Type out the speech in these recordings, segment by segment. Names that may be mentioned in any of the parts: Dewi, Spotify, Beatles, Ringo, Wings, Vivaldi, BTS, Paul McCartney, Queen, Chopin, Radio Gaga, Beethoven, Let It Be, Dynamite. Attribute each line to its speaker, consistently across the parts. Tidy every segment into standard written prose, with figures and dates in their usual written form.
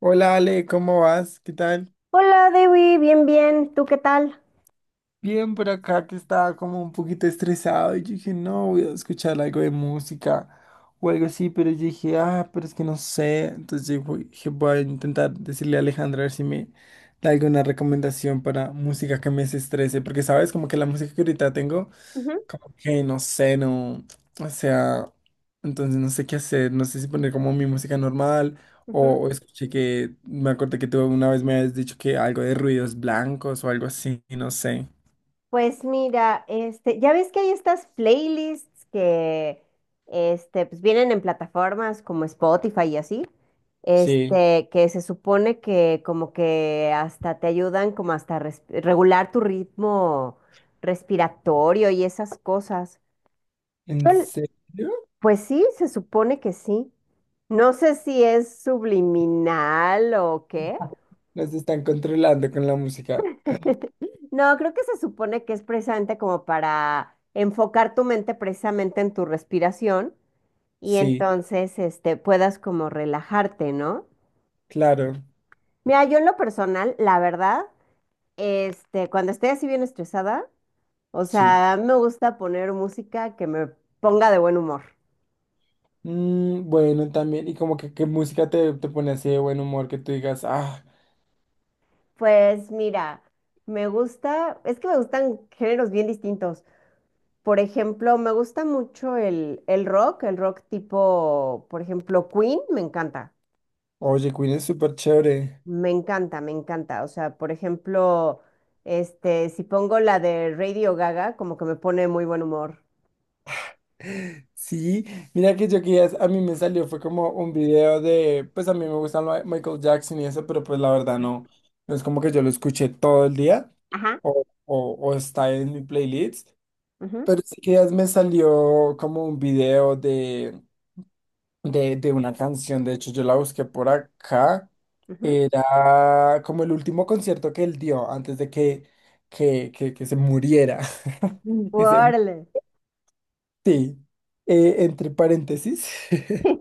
Speaker 1: Hola Ale, ¿cómo vas? ¿Qué tal?
Speaker 2: Hola Dewi, bien, bien, ¿tú qué tal?
Speaker 1: Bien por acá que estaba como un poquito estresado y yo dije, no, voy a escuchar algo de música o algo así, pero yo dije, ah, pero es que no sé. Entonces dije, voy a intentar decirle a Alejandra a ver si me da alguna recomendación para música que me desestrese, porque sabes, como que la música que ahorita tengo,
Speaker 2: Ujú,
Speaker 1: como que no sé, no, o sea, entonces no sé qué hacer, no sé si poner como mi música normal o,
Speaker 2: ujú.
Speaker 1: o escuché que, me acordé que tú una vez me habías dicho que algo de ruidos blancos o algo así, no sé.
Speaker 2: Pues mira, ya ves que hay estas playlists que pues vienen en plataformas como Spotify y así,
Speaker 1: Sí,
Speaker 2: que se supone que como que hasta te ayudan como regular tu ritmo respiratorio y esas cosas.
Speaker 1: ¿en
Speaker 2: Yo-
Speaker 1: serio?
Speaker 2: Pues sí, se supone que sí. No sé si es subliminal o qué.
Speaker 1: Nos están controlando con la música.
Speaker 2: No, creo que se supone que es precisamente como para enfocar tu mente precisamente en tu respiración y
Speaker 1: Sí,
Speaker 2: entonces puedas como relajarte, ¿no?
Speaker 1: claro,
Speaker 2: Mira, yo en lo personal, la verdad, cuando estoy así bien estresada, o
Speaker 1: sí.
Speaker 2: sea, me gusta poner música que me ponga de buen humor.
Speaker 1: Mm, bueno, también, y como que qué música te pone así de buen humor que tú digas, ah,
Speaker 2: Pues mira, me gusta, es que me gustan géneros bien distintos. Por ejemplo, me gusta mucho el rock, el rock tipo, por ejemplo, Queen, me encanta,
Speaker 1: oye, Queen es súper chévere.
Speaker 2: me encanta, me encanta. O sea, por ejemplo, si pongo la de Radio Gaga, como que me pone muy buen humor.
Speaker 1: Sí, mira que yo que a mí me salió, fue como un video de, pues a mí me gusta lo de Michael Jackson y eso, pero pues la verdad no, no es como que yo lo escuché todo el día
Speaker 2: Ajá,
Speaker 1: o, o está en mi playlist,
Speaker 2: ujú,
Speaker 1: pero sí que me salió como un video de de una canción. De hecho, yo la busqué por acá.
Speaker 2: ujú,
Speaker 1: Era como el último concierto que él dio antes de que se muriera. Que se mu-
Speaker 2: órale.
Speaker 1: sí. Entre paréntesis,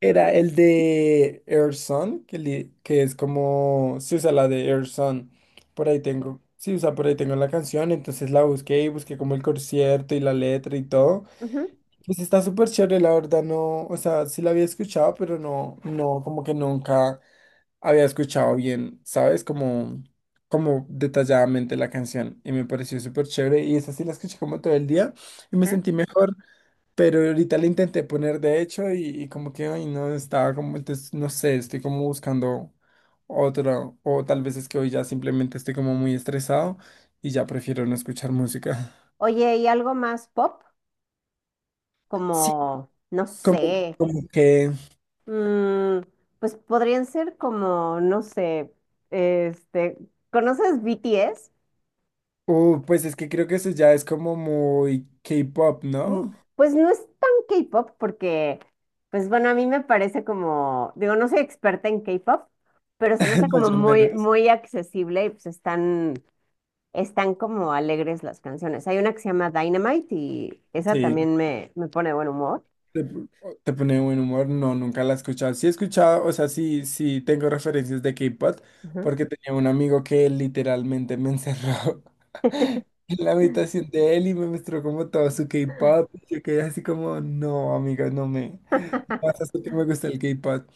Speaker 1: era el de Air Sun, que es como se usa la de Air Sun. Por ahí tengo, sí, usa por ahí tengo la canción. Entonces la busqué y busqué como el concierto y la letra y todo.
Speaker 2: Ujú,
Speaker 1: Pues está súper chévere, la verdad, no, o sea, sí la había escuchado, pero no, no, como que nunca había escuchado bien, ¿sabes? Como, como detalladamente la canción y me pareció súper chévere y esa sí la escuché como todo el día y me
Speaker 2: ajá.
Speaker 1: sentí mejor, pero ahorita la intenté poner de hecho y como que, ay, no, estaba como, entonces, no sé, estoy como buscando otro, o tal vez es que hoy ya simplemente estoy como muy estresado y ya prefiero no escuchar música.
Speaker 2: Oye, ¿y algo más pop?
Speaker 1: Sí,
Speaker 2: Como, no
Speaker 1: como,
Speaker 2: sé,
Speaker 1: como que...
Speaker 2: mm, pues podrían ser como, no sé, este, ¿conoces BTS?
Speaker 1: Pues es que creo que eso ya es como muy K-pop,
Speaker 2: Mm,
Speaker 1: ¿no?
Speaker 2: Pues no es tan K-pop porque, pues bueno, a mí me parece como, digo, no soy experta en K-pop, pero se me hace como
Speaker 1: Más
Speaker 2: muy,
Speaker 1: llameras.
Speaker 2: muy accesible y pues están, están como alegres las canciones. Hay una que se llama Dynamite y esa
Speaker 1: Sí.
Speaker 2: también me pone de buen humor.
Speaker 1: Te, te pone buen humor. No, nunca la he escuchado. Sí he escuchado, o sea, sí, sí tengo referencias de K-pop,
Speaker 2: Ujú.
Speaker 1: porque tenía un amigo que literalmente me encerró en la habitación de él y me mostró como todo su K-pop, y yo quedé así como, no, amiga no me. Pasa es que me gusta el K-pop.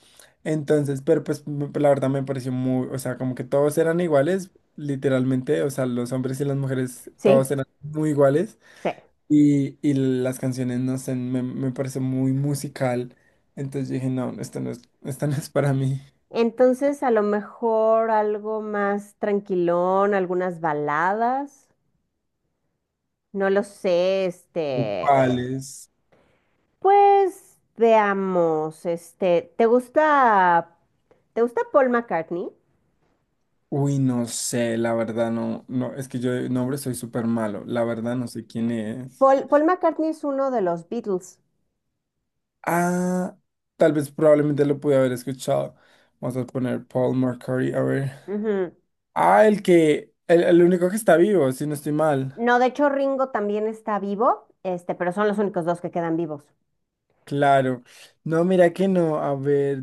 Speaker 1: Entonces, la verdad me pareció muy, o sea, como que todos eran iguales, literalmente, o sea, los hombres y las mujeres,
Speaker 2: Sí,
Speaker 1: todos eran muy iguales.
Speaker 2: sí.
Speaker 1: Y las canciones, no sé, me pareció muy musical. Entonces dije, no, esto no es para mí.
Speaker 2: Entonces, a lo mejor algo más tranquilón, algunas baladas, no lo sé,
Speaker 1: ¿O ¿cuáles?
Speaker 2: pues veamos, te gusta Paul McCartney?
Speaker 1: Uy, no sé, la verdad no, no, es que yo de nombre soy súper malo, la verdad no sé quién es.
Speaker 2: Paul, Paul McCartney es uno de los Beatles.
Speaker 1: Ah, tal vez probablemente lo pude haber escuchado. Vamos a poner Paul McCartney, a ver.
Speaker 2: Ujú.
Speaker 1: Ah, el único que está vivo, si no estoy mal.
Speaker 2: No, de hecho Ringo también está vivo, pero son los únicos dos que quedan vivos.
Speaker 1: Claro. No, mira que no. A ver,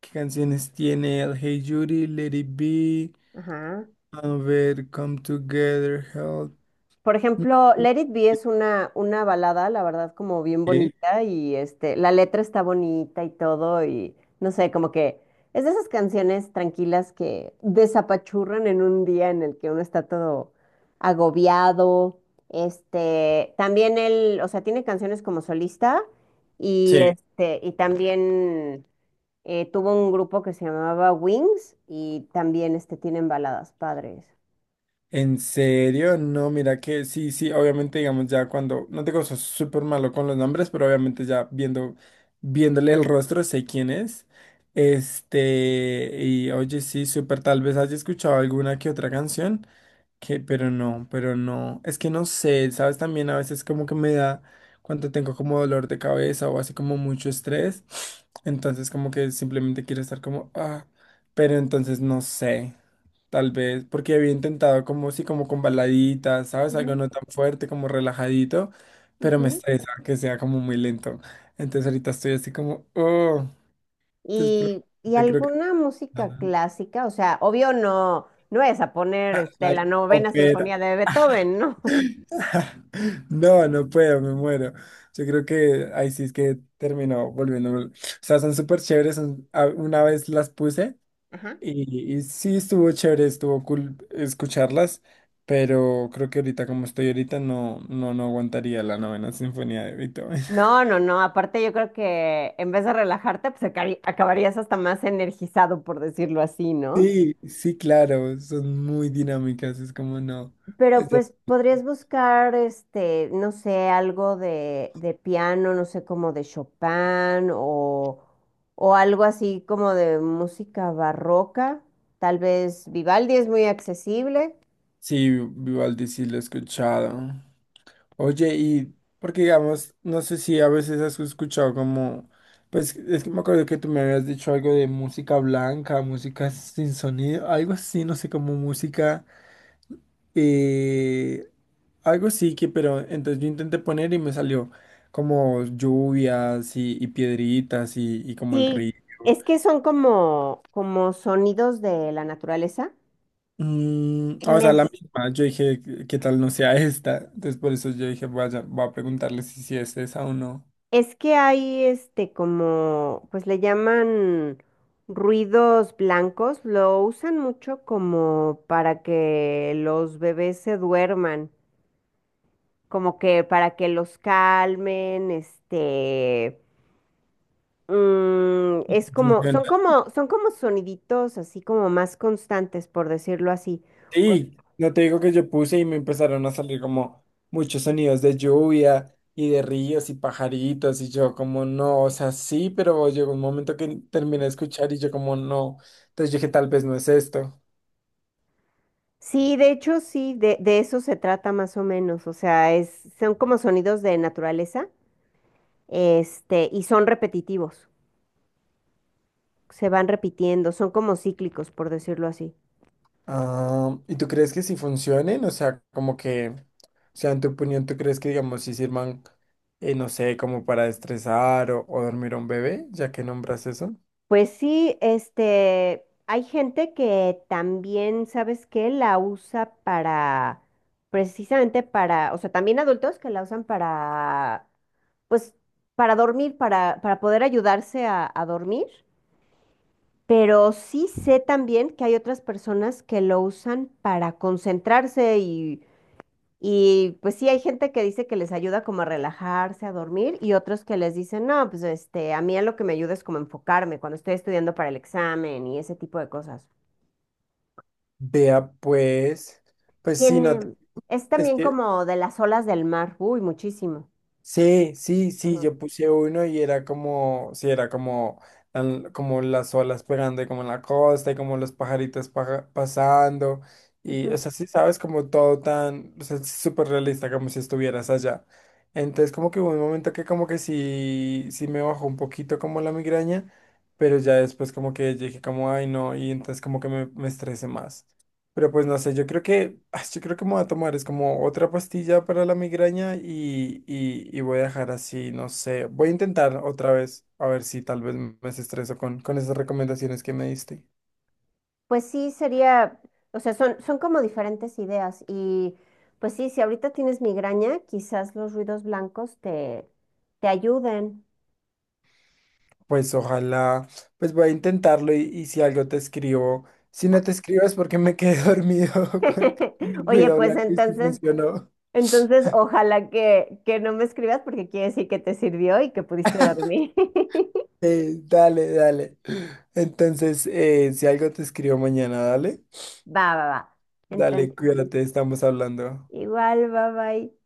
Speaker 1: ¿qué canciones tiene? El Hey Judy, Let It Be.
Speaker 2: Ajá.
Speaker 1: A ver, Come Together, Help.
Speaker 2: Por
Speaker 1: Mm,
Speaker 2: ejemplo, Let It Be es una balada, la verdad, como bien
Speaker 1: sí.
Speaker 2: bonita y la letra está bonita y todo y no sé, como que es de esas canciones tranquilas que desapachurran en un día en el que uno está todo agobiado. También él, o sea, tiene canciones como solista y
Speaker 1: Sí.
Speaker 2: y también tuvo un grupo que se llamaba Wings y también tienen baladas padres.
Speaker 1: ¿En serio? No, mira que sí, sí, obviamente digamos ya cuando, no te digo soy súper malo con los nombres, pero obviamente ya viendo, viéndole el rostro sé quién es. Este, y oye, sí, súper, tal vez haya escuchado alguna que otra canción. Que, pero no, pero no. Es que no sé, ¿sabes? También a veces como que me da cuando tengo como dolor de cabeza o así como mucho estrés. Entonces como que simplemente quiero estar como, ah, pero entonces no sé. Tal vez, porque había intentado como sí, como con baladitas, ¿sabes? Algo
Speaker 2: Ujú,
Speaker 1: no tan fuerte, como relajadito, pero me
Speaker 2: ujú.
Speaker 1: estresa que sea como muy lento. Entonces ahorita estoy así como, oh, entonces
Speaker 2: Y
Speaker 1: probablemente creo que
Speaker 2: alguna
Speaker 1: la,
Speaker 2: música clásica, o sea, obvio no, no vayas a poner la novena sinfonía
Speaker 1: la
Speaker 2: de Beethoven, ¿no?
Speaker 1: no, no puedo, me muero. Yo creo que ahí sí es que terminó volviendo. O sea, son súper chéveres. Una vez las puse
Speaker 2: Ajá.
Speaker 1: y sí estuvo chévere, estuvo cool escucharlas, pero creo que ahorita como estoy ahorita no, no, no aguantaría la novena sinfonía de Beethoven.
Speaker 2: No, no, no. Aparte, yo creo que en vez de relajarte, pues acabarías hasta más energizado, por decirlo así, ¿no?
Speaker 1: Sí, sí, claro, son muy dinámicas, es como no.
Speaker 2: Pero
Speaker 1: es de-
Speaker 2: pues podrías buscar, no sé, algo de piano, no sé, como de Chopin o algo así como de música barroca. Tal vez Vivaldi es muy accesible.
Speaker 1: Sí, Vivaldi sí lo he escuchado. Oye, y porque digamos, no sé si a veces has escuchado como, pues es que me acuerdo que tú me habías dicho algo de música blanca, música sin sonido, algo así, no sé, como música, eh, algo sí que, pero entonces yo intenté poner y me salió como lluvias y piedritas y como el
Speaker 2: Sí,
Speaker 1: río.
Speaker 2: es que son como, como sonidos de la naturaleza.
Speaker 1: Mm, o
Speaker 2: Me
Speaker 1: sea, la
Speaker 2: s-
Speaker 1: misma, yo dije, ¿qué tal no sea esta? Entonces por eso yo dije, vaya, voy a preguntarle si, si es esa o no.
Speaker 2: es que hay como, pues le llaman ruidos blancos, lo usan mucho como para que los bebés se duerman, como que para que los calmen, es como, son
Speaker 1: Funciona.
Speaker 2: como, son como soniditos así como más constantes, por decirlo así.
Speaker 1: Sí, no te digo que yo puse y me empezaron a salir como muchos sonidos de lluvia y de ríos y pajaritos y yo como no, o sea, sí, pero llegó un momento que terminé de escuchar y yo como no, entonces dije tal vez no es esto.
Speaker 2: Sí, de hecho, sí, de eso se trata más o menos. O sea, es, son como sonidos de naturaleza, y son repetitivos, se van repitiendo, son como cíclicos, por decirlo así.
Speaker 1: Ah, ¿y tú crees que sí funcionen? O sea, como que, o sea, en tu opinión, ¿tú crees que digamos si sirvan, no sé, como para estresar o dormir a un bebé, ya que nombras eso?
Speaker 2: Pues sí, hay gente que también, ¿sabes qué? La usa para, precisamente para, o sea, también adultos que la usan para, pues, para dormir, para poder ayudarse a dormir. Pero sí sé también que hay otras personas que lo usan para concentrarse y pues sí hay gente que dice que les ayuda como a relajarse, a dormir y otros que les dicen, no, pues a mí a lo que me ayuda es como enfocarme cuando estoy estudiando para el examen y ese tipo de cosas.
Speaker 1: Vea pues, pues sí, no,
Speaker 2: Tiene, es
Speaker 1: es
Speaker 2: también
Speaker 1: que...
Speaker 2: como de las olas del mar, uy, muchísimo.
Speaker 1: Sí, sí, sí,
Speaker 2: Ujú.
Speaker 1: yo puse uno y era como, sí, era como, como las olas pegando y como en la costa y como los pasando y, o
Speaker 2: Ujú.
Speaker 1: sea, sí, sabes, como todo tan, o sea, es súper realista, como si estuvieras allá. Entonces, como que hubo un momento que como que sí, sí me bajó un poquito como la migraña, pero ya después como que dije como, ay, no, y entonces como que me estresé más. Pero pues no sé, yo creo que, ah, yo creo que me voy a tomar, es como otra pastilla para la migraña y voy a dejar así, no sé, voy a intentar otra vez, a ver si tal vez me estreso con esas recomendaciones que me diste.
Speaker 2: Pues sí, sería, o sea, son, son como diferentes ideas y pues sí, si ahorita tienes migraña, quizás los ruidos blancos te, te ayuden.
Speaker 1: Pues ojalá, pues voy a intentarlo y si algo te escribo, si no
Speaker 2: Va.
Speaker 1: te escribo es porque me quedé dormido con el
Speaker 2: Oye,
Speaker 1: ruido
Speaker 2: pues
Speaker 1: blanco y si
Speaker 2: entonces,
Speaker 1: funcionó.
Speaker 2: entonces ojalá que no me escribas porque quiere decir que te sirvió y que pudiste dormir.
Speaker 1: Dale, dale. Entonces, si algo te escribo mañana, dale,
Speaker 2: Va, va, va. Entonces,
Speaker 1: dale, cuídate, estamos hablando.
Speaker 2: igual, bye bye.